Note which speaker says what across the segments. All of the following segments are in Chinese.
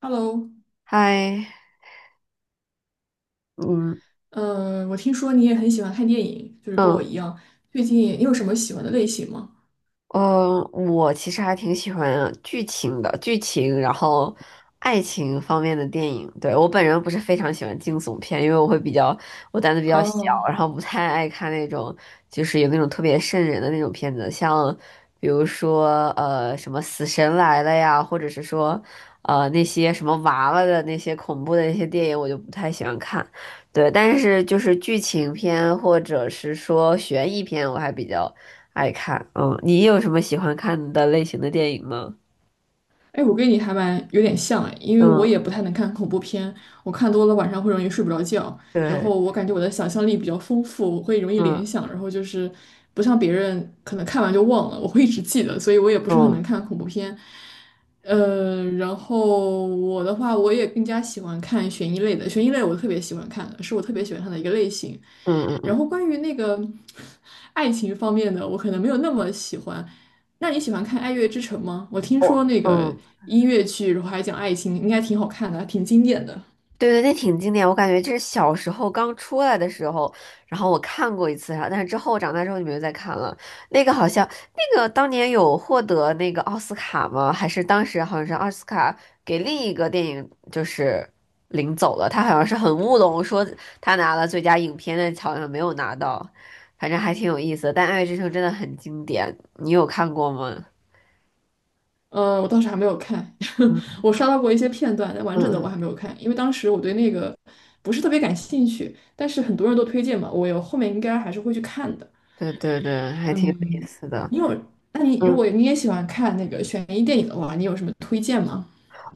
Speaker 1: Hello，
Speaker 2: 嗨，嗯
Speaker 1: 我听说你也很喜欢看电影，就是跟我
Speaker 2: 嗯，
Speaker 1: 一样。最近你有什么喜欢的类型吗？
Speaker 2: 我其实还挺喜欢剧情的，然后爱情方面的电影。对，我本人不是非常喜欢惊悚片，因为我胆子比较小，
Speaker 1: 哦，
Speaker 2: 然后不太爱看那种就是有那种特别瘆人的那种片子，像比如说什么《死神来了》呀，或者是说那些什么娃娃的那些恐怖的那些电影，我就不太喜欢看。对，但是就是剧情片或者是说悬疑片，我还比较爱看，嗯，你有什么喜欢看的类型的电影吗？
Speaker 1: 哎，我跟你还蛮有点像哎，因为我
Speaker 2: 嗯，
Speaker 1: 也不太能看恐怖片，我看多了晚上会容易睡不着觉。然
Speaker 2: 对，
Speaker 1: 后我感觉我的想象力比较丰富，我会容易联
Speaker 2: 嗯
Speaker 1: 想，然后就是不像别人可能看完就忘了，我会一直记得，所以我也不是很
Speaker 2: 嗯
Speaker 1: 能看恐怖片。然后我的话，我也更加喜欢看悬疑类的，悬疑类我特别喜欢看的，是我特别喜欢看的一个类型。
Speaker 2: 嗯嗯
Speaker 1: 然
Speaker 2: 嗯，
Speaker 1: 后关于那个 爱情方面的，我可能没有那么喜欢，那你喜欢看《爱乐之城》吗？我听
Speaker 2: 我
Speaker 1: 说那个
Speaker 2: 嗯。
Speaker 1: 音乐剧，然后还讲爱情，应该挺好看的，还挺经典的。
Speaker 2: 对对，那挺经典，我感觉这是小时候刚出来的时候，然后我看过一次然后但是之后长大之后就没有再看了。那个好像那个当年有获得那个奥斯卡吗？还是当时好像是奥斯卡给另一个电影就是领走了，他好像是很乌龙，说他拿了最佳影片，但好像没有拿到，反正还挺有意思的。但《爱乐之城》真的很经典，你有看过吗？
Speaker 1: 呃，我倒是还没有看，
Speaker 2: 嗯
Speaker 1: 我刷到过一些片段，但完整的
Speaker 2: 嗯，
Speaker 1: 我
Speaker 2: 嗯，
Speaker 1: 还没有看，因为当时我对那个不是特别感兴趣。但是很多人都推荐嘛，我有后面应该还是会去看的。
Speaker 2: 对对对，还挺有意思的。
Speaker 1: 你有？那你如果
Speaker 2: 嗯。
Speaker 1: 你也喜欢看那个悬疑电影的话，你有什么推荐吗？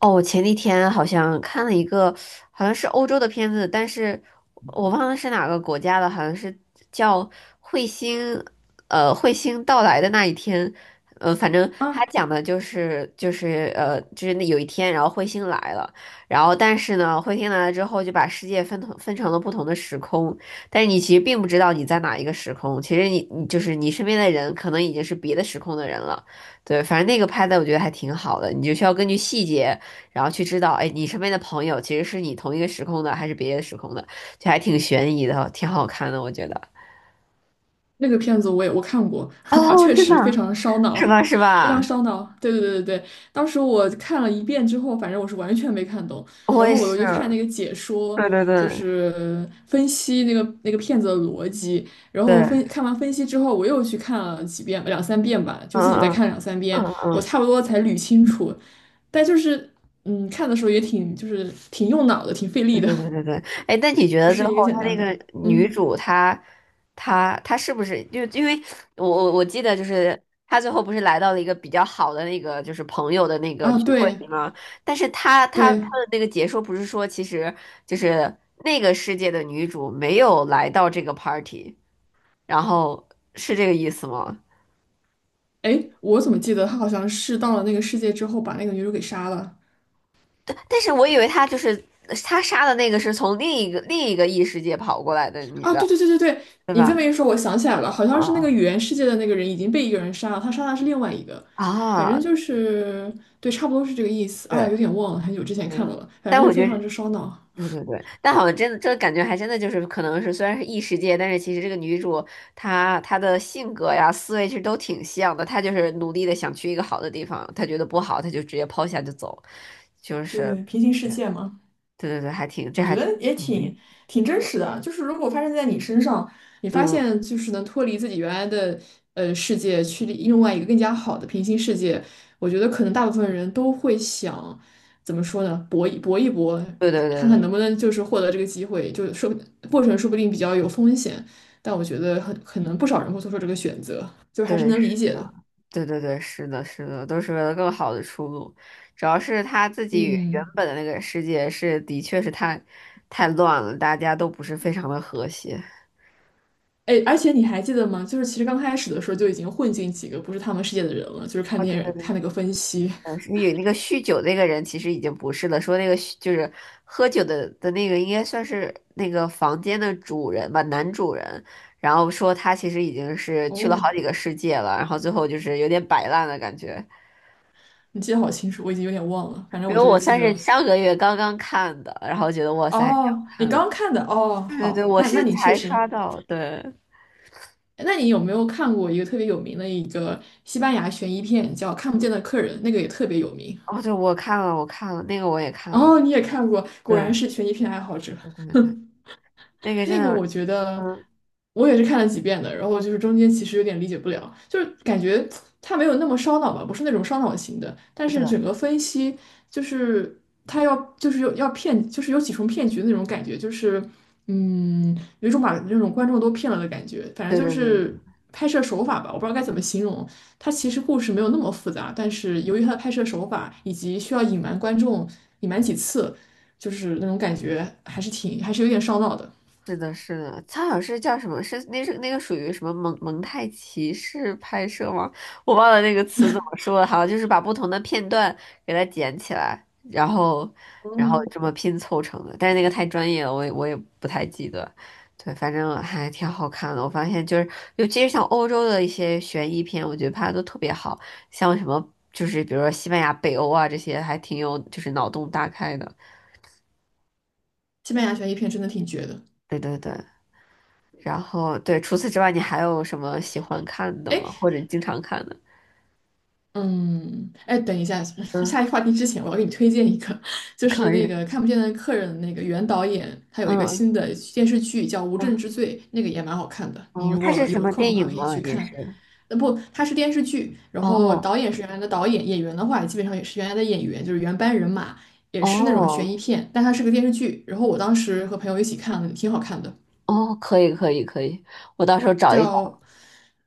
Speaker 2: 哦，我前几天好像看了一个，好像是欧洲的片子，但是我忘了是哪个国家的，好像是叫《彗星》，彗星到来的那一天，反正他
Speaker 1: 啊，
Speaker 2: 讲的就是那有一天，然后彗星来了，然后但是呢，彗星来了之后就把世界分成了不同的时空，但是你其实并不知道你在哪一个时空，其实你就是你身边的人可能已经是别的时空的人了，对，反正那个拍的我觉得还挺好的，你就需要根据细节。然后去知道，哎，你身边的朋友其实是你同一个时空的，还是别的时空的，就还挺悬疑的，挺好看的，我觉得。
Speaker 1: 那个片子我看过 啊，
Speaker 2: 哦，
Speaker 1: 确
Speaker 2: 真的
Speaker 1: 实非
Speaker 2: 啊？
Speaker 1: 常烧
Speaker 2: 是
Speaker 1: 脑，
Speaker 2: 吧？是
Speaker 1: 非
Speaker 2: 吧？
Speaker 1: 常烧脑。对对对对对，当时我看了一遍之后，反正我是完全没看懂。
Speaker 2: 我
Speaker 1: 然
Speaker 2: 也
Speaker 1: 后
Speaker 2: 是。
Speaker 1: 我就看那个解说，
Speaker 2: 对对
Speaker 1: 就
Speaker 2: 对
Speaker 1: 是分析那个片子的逻辑。然后
Speaker 2: 对，
Speaker 1: 分看完分析之后，我又去看了几遍，两三遍吧，就
Speaker 2: 嗯
Speaker 1: 自己再
Speaker 2: 嗯
Speaker 1: 看两三遍，
Speaker 2: 嗯
Speaker 1: 我
Speaker 2: 嗯。
Speaker 1: 差不多才捋清楚。但就是嗯，看的时候也挺就是挺用脑的，挺费力
Speaker 2: 对
Speaker 1: 的，
Speaker 2: 对对对对，哎，那你觉
Speaker 1: 不
Speaker 2: 得最
Speaker 1: 是
Speaker 2: 后
Speaker 1: 一个简
Speaker 2: 她那
Speaker 1: 单的。
Speaker 2: 个女
Speaker 1: 嗯
Speaker 2: 主她，她是不是就因为我记得就是她最后不是来到了一个比较好的那个就是朋友的那个
Speaker 1: 啊，
Speaker 2: 聚会
Speaker 1: 对
Speaker 2: 里吗？但是她
Speaker 1: 对。
Speaker 2: 的那个解说不是说其实就是那个世界的女主没有来到这个 party，然后是这个意思吗？
Speaker 1: 诶，我怎么记得他好像是到了那个世界之后，把那个女主给杀了。
Speaker 2: 但是我以为她就是她杀的那个是从另一个异世界跑过来的女
Speaker 1: 啊？
Speaker 2: 的，
Speaker 1: 对对对对对，
Speaker 2: 对
Speaker 1: 你这
Speaker 2: 吧？
Speaker 1: 么一说，我想起来了，好像是那个
Speaker 2: 啊
Speaker 1: 语言世界的那个人已经被一个人杀了，他杀的是另外一个，
Speaker 2: 啊
Speaker 1: 反正
Speaker 2: 啊！
Speaker 1: 就是对，差不多是这个意思。啊，
Speaker 2: 对。
Speaker 1: 有点忘了，很久之前看的
Speaker 2: 嗯，
Speaker 1: 了，反
Speaker 2: 但
Speaker 1: 正就
Speaker 2: 我
Speaker 1: 是
Speaker 2: 觉
Speaker 1: 非
Speaker 2: 得
Speaker 1: 常
Speaker 2: 是，
Speaker 1: 之烧脑。
Speaker 2: 对对对，但好像真的，这个感觉还真的就是，可能是虽然是异世界，但是其实这个女主她的性格呀、思维其实都挺像的。她就是努力的想去一个好的地方，她觉得不好，她就直接抛下就走，就是，
Speaker 1: 对，平行世界嘛。
Speaker 2: 对对对，
Speaker 1: 我觉
Speaker 2: 还挺
Speaker 1: 得也
Speaker 2: 有意
Speaker 1: 挺
Speaker 2: 思。
Speaker 1: 挺真实的，就是如果发生在你身上，你发
Speaker 2: 嗯，
Speaker 1: 现就是能脱离自己原来的世界，去另外一个更加好的平行世界，我觉得可能大部分人都会想，怎么说呢，搏一搏，
Speaker 2: 对对对
Speaker 1: 看看
Speaker 2: 对
Speaker 1: 能不能就是获得这个机会，就是说过程说不定比较有风险，但我觉得很可能不少人会做出这个选择，就还是
Speaker 2: 对，是
Speaker 1: 能理解
Speaker 2: 的，
Speaker 1: 的。
Speaker 2: 对对对，是的，是的，都是为了更好的出路。主要是她自己原
Speaker 1: 嗯，
Speaker 2: 本的那个世界是，的确是太乱了，大家都不是非常的和谐。
Speaker 1: 哎，而且你还记得吗？就是其实刚开始的时候就已经混进几个不是他们世界的人了，就是看
Speaker 2: 哦，
Speaker 1: 电
Speaker 2: 对
Speaker 1: 影看那个分析。
Speaker 2: 的，是有那个酗酒那个人其实已经不是了，说那个就是喝酒的那个应该算是那个房间的主人吧，男主人，然后说他其实已经是去了好
Speaker 1: 哦，
Speaker 2: 几个世界了，然后最后就是有点摆烂的感觉，
Speaker 1: 你记得好清楚，我已经有点忘了。反正
Speaker 2: 因
Speaker 1: 我
Speaker 2: 为
Speaker 1: 就是
Speaker 2: 我
Speaker 1: 记
Speaker 2: 算是
Speaker 1: 得，
Speaker 2: 上个月刚刚看的，然后觉得哇塞还挺好
Speaker 1: 哦，你
Speaker 2: 看
Speaker 1: 刚
Speaker 2: 的，
Speaker 1: 刚看的，哦，
Speaker 2: 对对对，
Speaker 1: 好，
Speaker 2: 我
Speaker 1: 那
Speaker 2: 是
Speaker 1: 那你确
Speaker 2: 才
Speaker 1: 实，
Speaker 2: 刷到，对，
Speaker 1: 那你有没有看过一个特别有名的一个西班牙悬疑片，叫《看不见的客人》，那个也特别有名。
Speaker 2: 哦对，我看了那个我也看了，
Speaker 1: 哦，你也看过，果
Speaker 2: 对
Speaker 1: 然是悬疑片爱好者。
Speaker 2: 对对对，那个真
Speaker 1: 那个我
Speaker 2: 的，
Speaker 1: 觉得
Speaker 2: 嗯，
Speaker 1: 我也是看了几遍的，然后就是中间其实有点理解不了，就是感觉它没有那么烧脑吧，不是那种烧脑型的，但是整
Speaker 2: 对
Speaker 1: 个分析就是它要就是有要骗，就是有几重骗局的那种感觉，就是嗯，有一种把那种观众都骗了的感觉，反
Speaker 2: 对
Speaker 1: 正就
Speaker 2: 对对对。
Speaker 1: 是拍摄手法吧，我不知道该怎么形容。它其实故事没有那么复杂，但是由于它的拍摄手法以及需要隐瞒观众隐瞒几次，就是那种感觉还是有点烧脑的。
Speaker 2: 是的，是的，他好像是叫什么？是那个属于什么蒙太奇式拍摄吗？我忘了那个词怎么说了，好像就是把不同的片段给它剪起来，然后
Speaker 1: 嗯，
Speaker 2: 这么拼凑成的。但是那个太专业了，我也不太记得。对，反正还挺好看的。我发现就是，尤其是像欧洲的一些悬疑片，我觉得拍的都特别好，像什么就是比如说西班牙、北欧啊这些，还挺有就是脑洞大开的。
Speaker 1: 西班牙悬疑片真的挺绝的。
Speaker 2: 对对对。然后对，除此之外，你还有什么喜欢看的
Speaker 1: 哎，
Speaker 2: 吗？或者经常看的？
Speaker 1: 嗯，哎，等一下，
Speaker 2: 嗯，
Speaker 1: 下一话题之前，我要给你推荐一个，就是
Speaker 2: 可
Speaker 1: 那
Speaker 2: 以。
Speaker 1: 个《看不见的客人》那个原导演，他有一个
Speaker 2: 嗯
Speaker 1: 新的电视剧叫《无证
Speaker 2: 嗯
Speaker 1: 之罪》，那个也蛮好看的。你
Speaker 2: 哦，
Speaker 1: 如
Speaker 2: 它是
Speaker 1: 果
Speaker 2: 什
Speaker 1: 有
Speaker 2: 么
Speaker 1: 空的
Speaker 2: 电
Speaker 1: 话，
Speaker 2: 影
Speaker 1: 可以
Speaker 2: 吗？
Speaker 1: 去
Speaker 2: 也
Speaker 1: 看。
Speaker 2: 是。
Speaker 1: 呃，不，它是电视剧，然后
Speaker 2: 哦
Speaker 1: 导演是原来的导演，演员的话基本上也是原来的演员，就是原班人马，也是那种
Speaker 2: 哦
Speaker 1: 悬疑片，但它是个电视剧。然后我当时和朋友一起看了，挺好看的，
Speaker 2: 哦，可以可以可以，我到时候找一找。
Speaker 1: 叫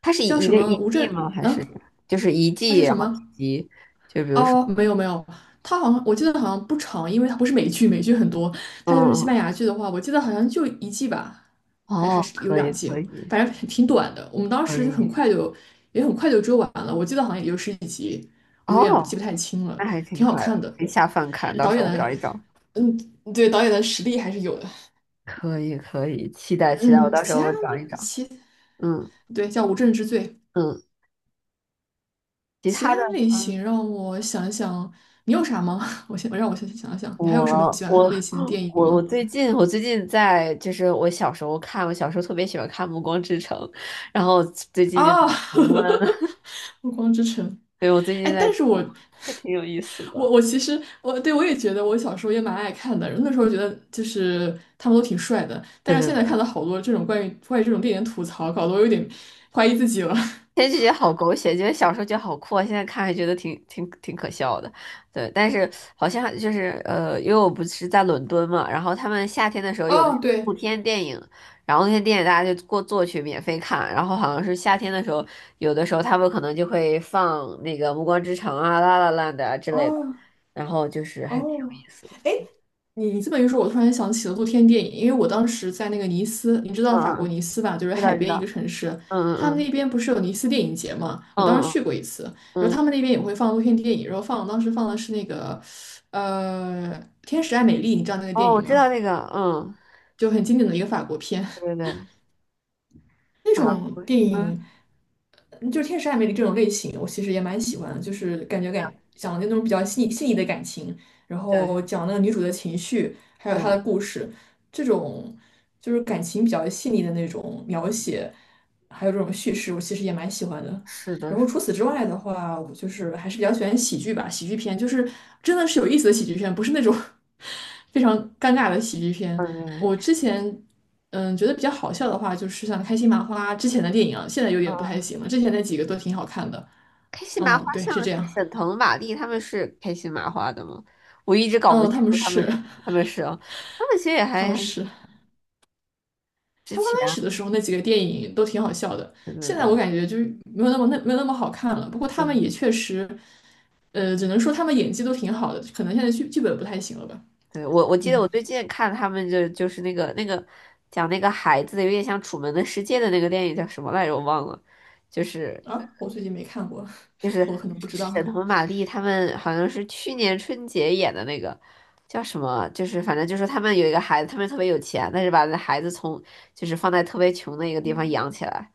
Speaker 2: 它是
Speaker 1: 叫
Speaker 2: 一
Speaker 1: 什
Speaker 2: 个
Speaker 1: 么
Speaker 2: 一
Speaker 1: 《无
Speaker 2: 季
Speaker 1: 证》，
Speaker 2: 吗？还是就是一
Speaker 1: 它
Speaker 2: 季，
Speaker 1: 是
Speaker 2: 然
Speaker 1: 什
Speaker 2: 后几
Speaker 1: 么？
Speaker 2: 集？就比如说，
Speaker 1: 哦，没有没有，它好像我记得好像不长，因为它不是美剧，美剧很多，
Speaker 2: 嗯
Speaker 1: 它就是西班
Speaker 2: 嗯，
Speaker 1: 牙剧的话，我记得好像就一季吧，还
Speaker 2: 哦，
Speaker 1: 还是有
Speaker 2: 可以
Speaker 1: 两季，
Speaker 2: 可以
Speaker 1: 反正挺短的。我们当
Speaker 2: 可
Speaker 1: 时就很
Speaker 2: 以，
Speaker 1: 快就也很快就追完了，我记得好像也就十几集，我有点记不
Speaker 2: 哦，
Speaker 1: 太清了，
Speaker 2: 那还挺
Speaker 1: 挺好
Speaker 2: 快
Speaker 1: 看
Speaker 2: 的，
Speaker 1: 的。
Speaker 2: 可以下饭看，
Speaker 1: 嗯
Speaker 2: 到
Speaker 1: 导
Speaker 2: 时
Speaker 1: 演
Speaker 2: 候我找
Speaker 1: 的，
Speaker 2: 一找。
Speaker 1: 嗯，对，导演的实力还是有的。
Speaker 2: 可以可以，期待期待，我
Speaker 1: 嗯，
Speaker 2: 到时
Speaker 1: 其
Speaker 2: 候
Speaker 1: 他
Speaker 2: 我找一找。
Speaker 1: 其
Speaker 2: 嗯
Speaker 1: 对叫《无证之罪》，
Speaker 2: 嗯，其
Speaker 1: 其
Speaker 2: 他的。
Speaker 1: 他类型让我想想，你有啥吗？我先我让我先想想，你还有什么
Speaker 2: 我
Speaker 1: 喜欢看的
Speaker 2: 我
Speaker 1: 类型的电影
Speaker 2: 我我
Speaker 1: 吗？
Speaker 2: 最近我最近在就是我小时候看，我小时候特别喜欢看《暮光之城》，然后最近就在
Speaker 1: 啊，
Speaker 2: 重温，
Speaker 1: 暮光之城，
Speaker 2: 对，我最近
Speaker 1: 哎，
Speaker 2: 在
Speaker 1: 但
Speaker 2: 重
Speaker 1: 是我
Speaker 2: 温，还挺有意思
Speaker 1: 我
Speaker 2: 的。
Speaker 1: 我其实我也觉得我小时候也蛮爱看的，那时候觉得就是他们都挺帅的，
Speaker 2: 对
Speaker 1: 但是
Speaker 2: 对
Speaker 1: 现在
Speaker 2: 对。
Speaker 1: 看到好多这种关于这种电影吐槽，搞得我有点怀疑自己了。
Speaker 2: 前觉得好狗血，觉得小时候觉得好酷啊，现在看还觉得挺可笑的。对，但是好像就是因为我不是在伦敦嘛，然后他们夏天的时候有的
Speaker 1: 哦，
Speaker 2: 露
Speaker 1: 对，
Speaker 2: 天电影，然后那些电影大家就过坐去免费看，然后好像是夏天的时候，有的时候他们可能就会放那个《暮光之城》啊、《La l 的啊之类的，
Speaker 1: 哦
Speaker 2: 然后就是还挺
Speaker 1: 哦，
Speaker 2: 有意思的。
Speaker 1: 哎，你你这么一说，我突然想起了露天电影，因为我当时在那个尼斯，你知道
Speaker 2: 嗯
Speaker 1: 法
Speaker 2: 嗯，
Speaker 1: 国
Speaker 2: 嗯
Speaker 1: 尼斯吧，就是
Speaker 2: 知
Speaker 1: 海
Speaker 2: 道知
Speaker 1: 边一个
Speaker 2: 道，
Speaker 1: 城市，
Speaker 2: 嗯
Speaker 1: 他们
Speaker 2: 嗯
Speaker 1: 那边不是有尼斯电影节嘛，我
Speaker 2: 嗯
Speaker 1: 当时
Speaker 2: 嗯
Speaker 1: 去过一次，然
Speaker 2: 嗯
Speaker 1: 后
Speaker 2: 嗯，
Speaker 1: 他
Speaker 2: 嗯
Speaker 1: 们那边也会放露天电影，然后放当时放的是那个，呃，《天使爱美丽》，你知道那个电
Speaker 2: 哦，我
Speaker 1: 影
Speaker 2: 知
Speaker 1: 吗？
Speaker 2: 道那个，嗯，
Speaker 1: 就很经典的一个法国片。
Speaker 2: 对对对，
Speaker 1: 那
Speaker 2: 法
Speaker 1: 种
Speaker 2: 国，
Speaker 1: 电影，
Speaker 2: 嗯，
Speaker 1: 就是《天使爱美丽》这种类型，我其实也蛮喜欢的，就是感觉感
Speaker 2: 对
Speaker 1: 讲的那种比较细腻的感情，然
Speaker 2: 对。
Speaker 1: 后讲那个女主的情绪，还有
Speaker 2: 对，
Speaker 1: 她的故事，这种就是感情比较细腻的那种描写，还有这种叙事，我其实也蛮喜欢的。
Speaker 2: 是的，
Speaker 1: 然后
Speaker 2: 是
Speaker 1: 除此之外的话，我就是还是比较喜欢喜剧吧，喜剧片就是真的是有意思的喜剧片，不是那种 非常尴尬的喜剧片。
Speaker 2: 嗯
Speaker 1: 我之前嗯觉得比较好笑的话，就是像开心麻花之前的电影啊，现在有点不太
Speaker 2: 嗯，
Speaker 1: 行了。之前那几个都挺好看的。
Speaker 2: 开心麻花
Speaker 1: 嗯，对，
Speaker 2: 像
Speaker 1: 是这
Speaker 2: 是
Speaker 1: 样。
Speaker 2: 沈腾、马丽他们是开心麻花的吗？我一直搞不
Speaker 1: 嗯，
Speaker 2: 清
Speaker 1: 他们
Speaker 2: 楚他
Speaker 1: 是
Speaker 2: 们是啊，他们其实也
Speaker 1: 他们
Speaker 2: 还
Speaker 1: 是
Speaker 2: 之
Speaker 1: 他们刚
Speaker 2: 前啊，
Speaker 1: 开始的时候那几个电影都挺好笑的，
Speaker 2: 对对
Speaker 1: 现在
Speaker 2: 对，
Speaker 1: 我感觉就是没有那么那没有那么好看了。不过他们
Speaker 2: 嗯，
Speaker 1: 也确实，呃，只能说他们演技都挺好的，可能现在剧本不太行了吧。
Speaker 2: 对我记得
Speaker 1: 嗯
Speaker 2: 我最近看他们就是那个讲那个孩子的有点像《楚门的世界》的那个电影叫什么来着，我忘了，就是
Speaker 1: 啊，我最近没看过，
Speaker 2: 就是
Speaker 1: 我可能不知
Speaker 2: 沈
Speaker 1: 道。
Speaker 2: 腾、马丽他们好像是去年春节演的那个叫什么，就是反正就是他们有一个孩子，他们特别有钱，但是把那孩子从就是放在特别穷的一个地方养起来，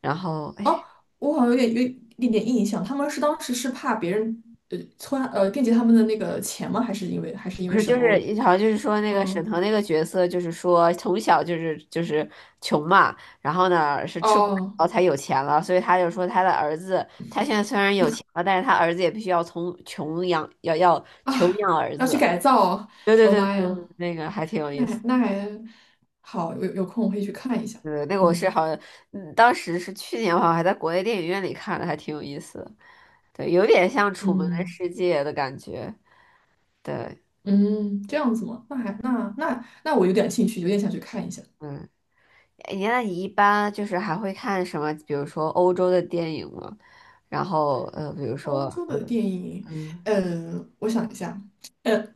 Speaker 2: 然后
Speaker 1: 哦，
Speaker 2: 哎。
Speaker 1: 我好像有一点点印象，他们是当时是怕别人呃穿呃惦记他们的那个钱吗？还是因
Speaker 2: 不
Speaker 1: 为
Speaker 2: 是，
Speaker 1: 什
Speaker 2: 就
Speaker 1: 么？
Speaker 2: 是
Speaker 1: 我
Speaker 2: 好像就是说那个沈
Speaker 1: 嗯
Speaker 2: 腾那个角色，就是说从小就是穷嘛，然后呢是吃苦耐
Speaker 1: 哦
Speaker 2: 劳才有钱了，所以他就说他的儿子，他现在虽然有钱了，但是他儿子也必须要从穷养，要穷
Speaker 1: 啊，
Speaker 2: 养儿
Speaker 1: 要去
Speaker 2: 子。
Speaker 1: 改造哦，
Speaker 2: 对对
Speaker 1: 我的
Speaker 2: 对
Speaker 1: 妈
Speaker 2: 对对，
Speaker 1: 呀，
Speaker 2: 那个还挺有意
Speaker 1: 那还
Speaker 2: 思。
Speaker 1: 那还好，有空我会去看一下。
Speaker 2: 对，那个我是
Speaker 1: 嗯
Speaker 2: 好像，嗯，当时是去年，好像还在国内电影院里看的，还挺有意思的。对，有点像《楚门的
Speaker 1: 嗯
Speaker 2: 世界》的感觉。对，
Speaker 1: 嗯，这样子吗？那还那那那我有点兴趣，有点想去看一下
Speaker 2: 嗯，哎，那你一般就是还会看什么？比如说欧洲的电影吗？然后，比如
Speaker 1: 欧
Speaker 2: 说，
Speaker 1: 洲的电影。
Speaker 2: 嗯，
Speaker 1: 呃，我想一下。嗯。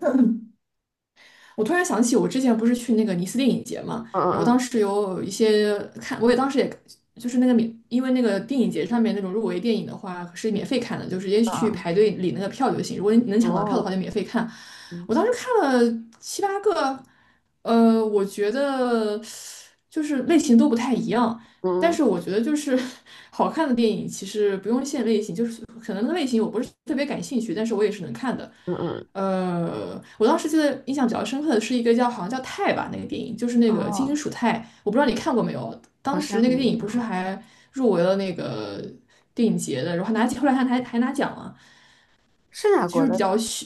Speaker 1: 我突然想起，我之前不是去那个尼斯电影节嘛，
Speaker 2: 嗯
Speaker 1: 然后当
Speaker 2: 嗯
Speaker 1: 时有一些看，我当时就是那个免，因为那个电影节上面那种入围电影的话是免费看的，就直接去
Speaker 2: 嗯
Speaker 1: 排队领那个票就行。如果你能
Speaker 2: 嗯，嗯
Speaker 1: 抢到票的话，
Speaker 2: 哦，
Speaker 1: 就免费看。
Speaker 2: 嗯
Speaker 1: 我当时看了七八个，我觉得就是类型都不太一样，但是
Speaker 2: 嗯
Speaker 1: 我觉得就是 好看的电影其实不用限类型，就是可能那个类型我不是特别感兴趣，但是我也是能看的。
Speaker 2: 嗯嗯，嗯
Speaker 1: 我当时记得印象比较深刻的是一个叫好像叫泰吧那个电影，就是那个金
Speaker 2: 哦，
Speaker 1: 属泰，我不知道你看过没有。
Speaker 2: 好
Speaker 1: 当时
Speaker 2: 像
Speaker 1: 那个电
Speaker 2: 没
Speaker 1: 影
Speaker 2: 有，
Speaker 1: 不是还入围了那个电影节的，然后拿后来还拿奖了，
Speaker 2: 是哪
Speaker 1: 就
Speaker 2: 国
Speaker 1: 是
Speaker 2: 的？
Speaker 1: 比较虚，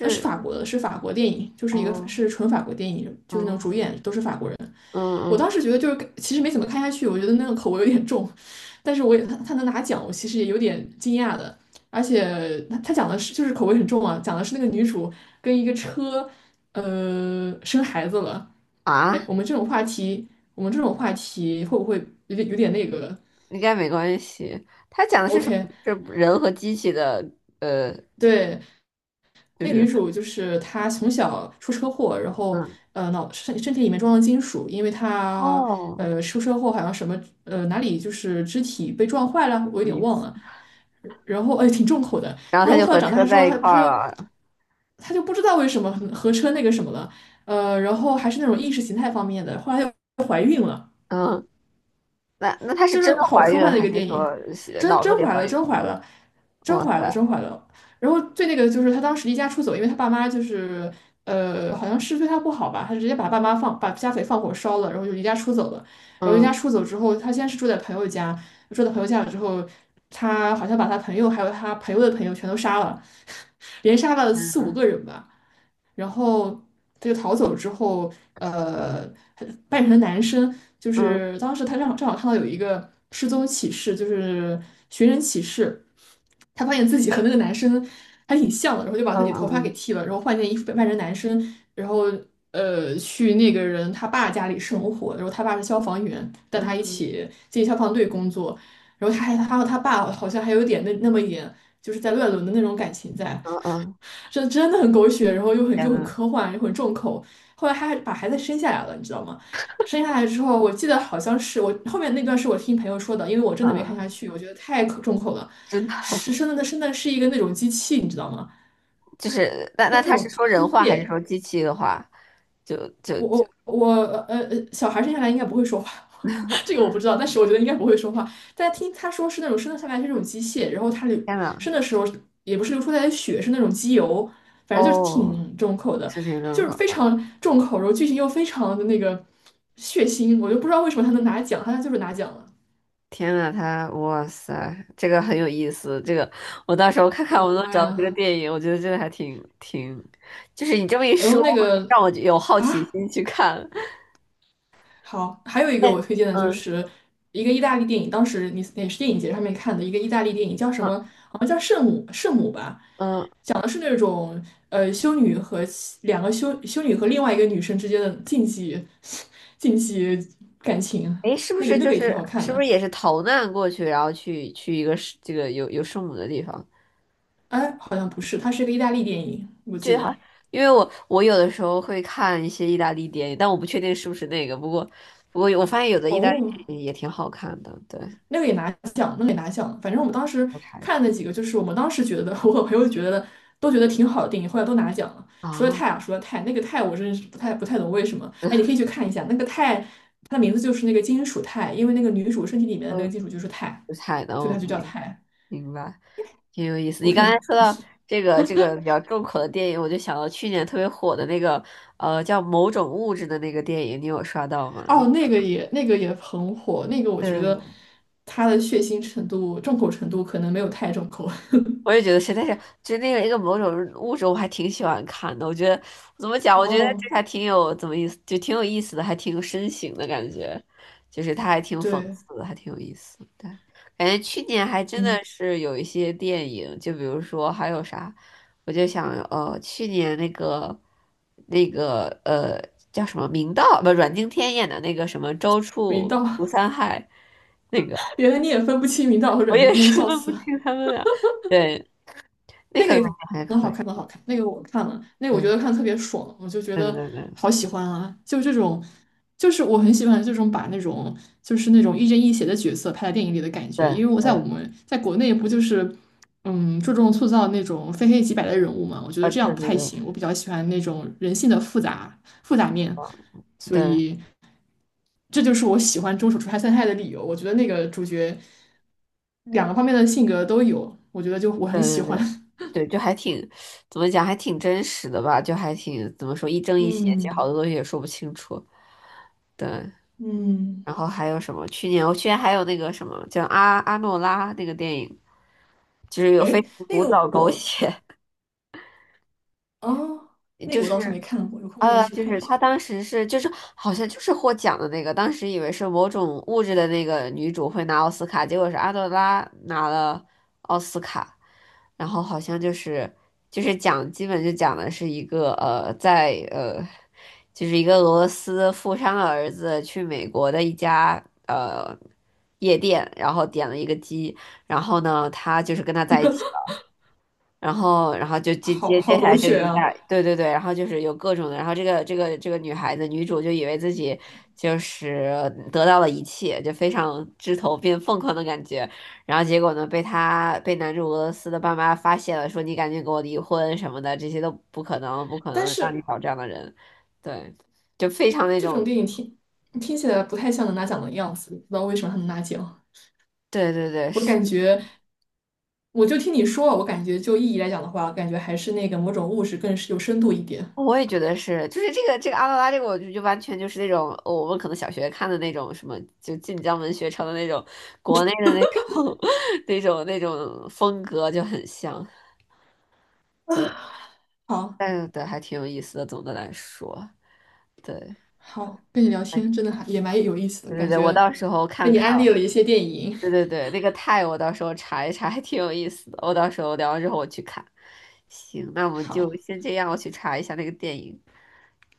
Speaker 1: 呃是法国的，是法国电影，就是一个
Speaker 2: 哦
Speaker 1: 是纯法国电影，就是那种
Speaker 2: 哦，
Speaker 1: 主演都是法国人。
Speaker 2: 嗯
Speaker 1: 我当
Speaker 2: 嗯
Speaker 1: 时觉得就是其实没怎么看下去，我觉得那个口味有点重，但是我也他能拿奖，我其实也有点惊讶的。而且他讲的是就是口味很重啊，讲的是那个女主跟一个车，呃，生孩子了。哎，
Speaker 2: 啊。
Speaker 1: 我们这种话题会不会有点那个
Speaker 2: 应该没关系。他讲的是什么？
Speaker 1: ？OK,
Speaker 2: 是人和机器的，呃，
Speaker 1: 对，
Speaker 2: 就
Speaker 1: 那
Speaker 2: 是
Speaker 1: 女主就是她从小出车祸，然后
Speaker 2: 嗯，
Speaker 1: 呃身体里面装了金属，因为她
Speaker 2: 哦，
Speaker 1: 呃出车祸好像什么呃哪里就是肢体被撞坏了，我有
Speaker 2: 有
Speaker 1: 点
Speaker 2: 意
Speaker 1: 忘
Speaker 2: 思。
Speaker 1: 了。然后哎挺重口的，
Speaker 2: 然后
Speaker 1: 然
Speaker 2: 他
Speaker 1: 后
Speaker 2: 就
Speaker 1: 后来
Speaker 2: 和
Speaker 1: 长
Speaker 2: 车
Speaker 1: 大之后，
Speaker 2: 在一块儿了。
Speaker 1: 她就不知道为什么合车那个什么了，呃，然后还是那种意识形态方面的，后来又
Speaker 2: 嗯，那他是
Speaker 1: 就
Speaker 2: 真
Speaker 1: 是
Speaker 2: 的
Speaker 1: 好
Speaker 2: 怀
Speaker 1: 科
Speaker 2: 孕
Speaker 1: 幻的一
Speaker 2: 还
Speaker 1: 个
Speaker 2: 是
Speaker 1: 电影，
Speaker 2: 说是
Speaker 1: 真
Speaker 2: 脑子
Speaker 1: 真
Speaker 2: 里
Speaker 1: 怀
Speaker 2: 怀
Speaker 1: 了，
Speaker 2: 孕？
Speaker 1: 真怀了，
Speaker 2: 哇塞，
Speaker 1: 真怀了。然后最那个的就是他当时离家出走，因为他爸妈就是呃，好像是对他不好吧，他直接把爸妈放把家给放火烧了，然后就离家出走了。然后离家
Speaker 2: 嗯
Speaker 1: 出走之后，他先是住在朋友家，住在朋友家了之后，他好像把他朋友还有他朋友的朋友全都杀了，连杀了四五
Speaker 2: 嗯
Speaker 1: 个人吧。然后他就逃走之后，呃，扮成男生，就
Speaker 2: 嗯
Speaker 1: 是当时他正好看到有一个失踪启事，就是寻人启事，他发现自己和那个男生还挺像的，然后就把自
Speaker 2: 嗯
Speaker 1: 己头发给
Speaker 2: 嗯
Speaker 1: 剃了，然后换件衣服扮成男生，然后呃去那个人他爸家里生活，然后他爸是消防员，带他一
Speaker 2: 嗯
Speaker 1: 起进消防队工作，然后他和他爸好像还有点那么一点就是在乱伦的那种感情在。
Speaker 2: 嗯嗯，
Speaker 1: 真的很狗血，然后又很
Speaker 2: 天
Speaker 1: 又很
Speaker 2: 呐，
Speaker 1: 科幻，又很重口。后来他还把孩子生下来了，你知道吗？生下来之后，我记得好像是我后面那段是我听朋友说的，因为我真的没
Speaker 2: 嗯，
Speaker 1: 看下去，我觉得太可重口了。
Speaker 2: 真的。
Speaker 1: 是生的，生的是一个那种机器，你知道吗？
Speaker 2: 就是那他是说人话还是说机器的话？就就
Speaker 1: 我
Speaker 2: 就
Speaker 1: 我我呃呃，小孩生下来应该不会说话，这个我不知道，但是我觉得应该不会说话。但听他说是那种生的下来是那种机械，然后
Speaker 2: 天呐，
Speaker 1: 生的时候也不是流出来的血，是那种机油，反正就是
Speaker 2: 哦，
Speaker 1: 挺重口的，
Speaker 2: 事情真
Speaker 1: 就是非
Speaker 2: 好。
Speaker 1: 常重口，然后剧情又非常的那个血腥，我就不知道为什么他能拿奖，他就是拿奖了，
Speaker 2: 天呐，他哇塞，这个很有意思。这个我到时候看看
Speaker 1: 我
Speaker 2: 我
Speaker 1: 的
Speaker 2: 能
Speaker 1: 妈
Speaker 2: 找到这个
Speaker 1: 呀！
Speaker 2: 电影，我觉得这个还挺，就是你这么一
Speaker 1: 然后
Speaker 2: 说，
Speaker 1: 那个
Speaker 2: 让我有好奇
Speaker 1: 啊，
Speaker 2: 心去看。
Speaker 1: 好，还有一个
Speaker 2: 哎，
Speaker 1: 我推荐的就
Speaker 2: 嗯
Speaker 1: 是一个意大利电影，当时你也是电影节上面看的一个意大利电影，叫什
Speaker 2: 嗯
Speaker 1: 么？好像叫《圣母》，圣母吧，
Speaker 2: 嗯，
Speaker 1: 讲的是那种呃修女和其两个修女和另外一个女生之间的禁忌 禁忌感情，
Speaker 2: 哎，是不
Speaker 1: 那个
Speaker 2: 是
Speaker 1: 那个
Speaker 2: 就
Speaker 1: 也挺
Speaker 2: 是
Speaker 1: 好看
Speaker 2: 是不
Speaker 1: 的。
Speaker 2: 是也是逃难过去，然后去一个是这个有圣母的地方？
Speaker 1: 哎，好像不是，它是一个意大利电影，我记
Speaker 2: 对哈，
Speaker 1: 得。
Speaker 2: 因为我有的时候会看一些意大利电影，但我不确定是不是那个。不过我发现有的意大利
Speaker 1: 哦，
Speaker 2: 电影也挺好看的，对，
Speaker 1: 那个也拿奖，那个也拿奖。反正我们当时
Speaker 2: 我查一
Speaker 1: 看
Speaker 2: 查
Speaker 1: 的那几个，就是我们当时觉得，我和朋友觉得都觉得挺好的电影，后来都拿奖了。除了
Speaker 2: 啊。
Speaker 1: 泰啊，除了泰，那个泰我真是不太懂为什么。
Speaker 2: 嗯
Speaker 1: 哎，你可以去看一下，那个泰，它的名字就是那个金属钛，因为那个女主身体里 面的那个
Speaker 2: 不
Speaker 1: 金属就是钛，
Speaker 2: 的，
Speaker 1: 所以
Speaker 2: 我
Speaker 1: 它就叫
Speaker 2: 明
Speaker 1: 钛。
Speaker 2: 明白，挺有意思。你刚才
Speaker 1: OK,
Speaker 2: 说到这个比较重口的电影，我就想到去年特别火的那个叫《某种物质》的那个电影，你有刷到吗？你
Speaker 1: 哦，那个也那个也很火，那个我觉得
Speaker 2: 对，
Speaker 1: 它的血腥程度、重口程度可能没有泰重口。
Speaker 2: 我也 觉得是，但是就那个一个某种物种，我还挺喜欢看的。我觉得怎么讲，我觉得这个
Speaker 1: 哦，
Speaker 2: 还挺有怎么意思，就挺有意思的，还挺有深情的感觉，就是它还挺讽
Speaker 1: 对，
Speaker 2: 刺的，还挺有意思。对，感觉去年还真的
Speaker 1: 嗯，
Speaker 2: 是有一些电影，就比如说还有啥，我就想去年那个叫什么明道不阮经天演的那个什么《周
Speaker 1: 明
Speaker 2: 处除
Speaker 1: 道，
Speaker 2: 三害》，那个
Speaker 1: 原来你也分不清明道和
Speaker 2: 我
Speaker 1: 阮经
Speaker 2: 也
Speaker 1: 天，
Speaker 2: 是
Speaker 1: 笑
Speaker 2: 分不
Speaker 1: 死。
Speaker 2: 清他们俩。对，那
Speaker 1: 那个
Speaker 2: 个
Speaker 1: 也
Speaker 2: 感觉还
Speaker 1: 很
Speaker 2: 可
Speaker 1: 好看，很
Speaker 2: 以，
Speaker 1: 好看。那个我看了，那个我觉得
Speaker 2: 对
Speaker 1: 看得特别爽，我就觉
Speaker 2: 对对
Speaker 1: 得
Speaker 2: 对对对
Speaker 1: 好喜欢啊！就这种，就是我很喜欢这种把那种就是那种亦正亦邪的角色拍在电影里的感觉。
Speaker 2: 对，
Speaker 1: 因为我们在国内不就是嗯注重塑造那种非黑即白的人物嘛，我觉
Speaker 2: 啊
Speaker 1: 得这
Speaker 2: 对
Speaker 1: 样不
Speaker 2: 对
Speaker 1: 太
Speaker 2: 对
Speaker 1: 行。我比较喜欢那种人性的复杂面，
Speaker 2: 啊
Speaker 1: 所
Speaker 2: 对，
Speaker 1: 以这就是我喜欢《中手出差三太》的理由。我觉得那个主角两个方面的性格都有，我觉得就我
Speaker 2: 对
Speaker 1: 很喜
Speaker 2: 对对
Speaker 1: 欢。
Speaker 2: 对 对，就还挺怎么讲，还挺真实的吧，就还挺怎么说一正一邪，其实好多
Speaker 1: 嗯。
Speaker 2: 东西也说不清楚。对，
Speaker 1: 嗯，
Speaker 2: 然后还有什么？去年还有那个什么叫阿诺拉那个电影，就是有
Speaker 1: 哎，
Speaker 2: 非常
Speaker 1: 那
Speaker 2: 古
Speaker 1: 个
Speaker 2: 早狗
Speaker 1: 我，
Speaker 2: 血。
Speaker 1: 啊，那
Speaker 2: 就
Speaker 1: 个我倒是没
Speaker 2: 是
Speaker 1: 看过，有空可以去
Speaker 2: 就
Speaker 1: 看一
Speaker 2: 是
Speaker 1: 下。
Speaker 2: 她当时是就是好像就是获奖的那个，当时以为是某种物质的那个女主会拿奥斯卡，结果是阿德拉拿了奥斯卡，然后好像就是就是讲，基本就讲的是一个在就是一个俄罗斯富商的儿子去美国的一家夜店，然后点了一个鸡，然后呢他就是跟他在一起。然后，然后就接
Speaker 1: 好
Speaker 2: 接
Speaker 1: 好
Speaker 2: 接下
Speaker 1: 狗
Speaker 2: 来就
Speaker 1: 血
Speaker 2: 一
Speaker 1: 啊！
Speaker 2: 下，对对对，然后就是有各种的，然后这个女孩子女主就以为自己就是得到了一切，就非常枝头变凤凰的感觉，然后结果呢被她被男主俄罗斯的爸妈发现了，说你赶紧给我离婚什么的，这些都不可能，不可
Speaker 1: 但
Speaker 2: 能让你
Speaker 1: 是
Speaker 2: 找这样的人，对，就非常那
Speaker 1: 这种
Speaker 2: 种，
Speaker 1: 电影听起来不太像能拿奖的样子，不知道为什么他能拿奖。
Speaker 2: 对对对，
Speaker 1: 我
Speaker 2: 是。
Speaker 1: 感觉，我就听你说，我感觉就意义来讲的话，感觉还是那个某种物质更是有深度一点。
Speaker 2: 哦，我也觉得是，就是这个阿拉拉这个，我就完全就是那种，哦我们可能小学看的那种什么，就晋江文学城的那种国内的那种 那种风格就很像，对，
Speaker 1: 好，
Speaker 2: 但是对还挺有意思的。总的来说，对，
Speaker 1: 好，跟你聊
Speaker 2: 哎，
Speaker 1: 天真的还也蛮有意思的，
Speaker 2: 对对
Speaker 1: 感
Speaker 2: 对，我到
Speaker 1: 觉
Speaker 2: 时候
Speaker 1: 被
Speaker 2: 看
Speaker 1: 你
Speaker 2: 看，
Speaker 1: 安利了一些电影。
Speaker 2: 对对对，那个泰我到时候查一查，还挺有意思的。我到时候聊完之后我去看。行，那我 们就
Speaker 1: 好，
Speaker 2: 先这样，我去查一下那个电影。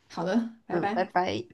Speaker 1: 好的，拜
Speaker 2: 嗯，拜
Speaker 1: 拜。
Speaker 2: 拜。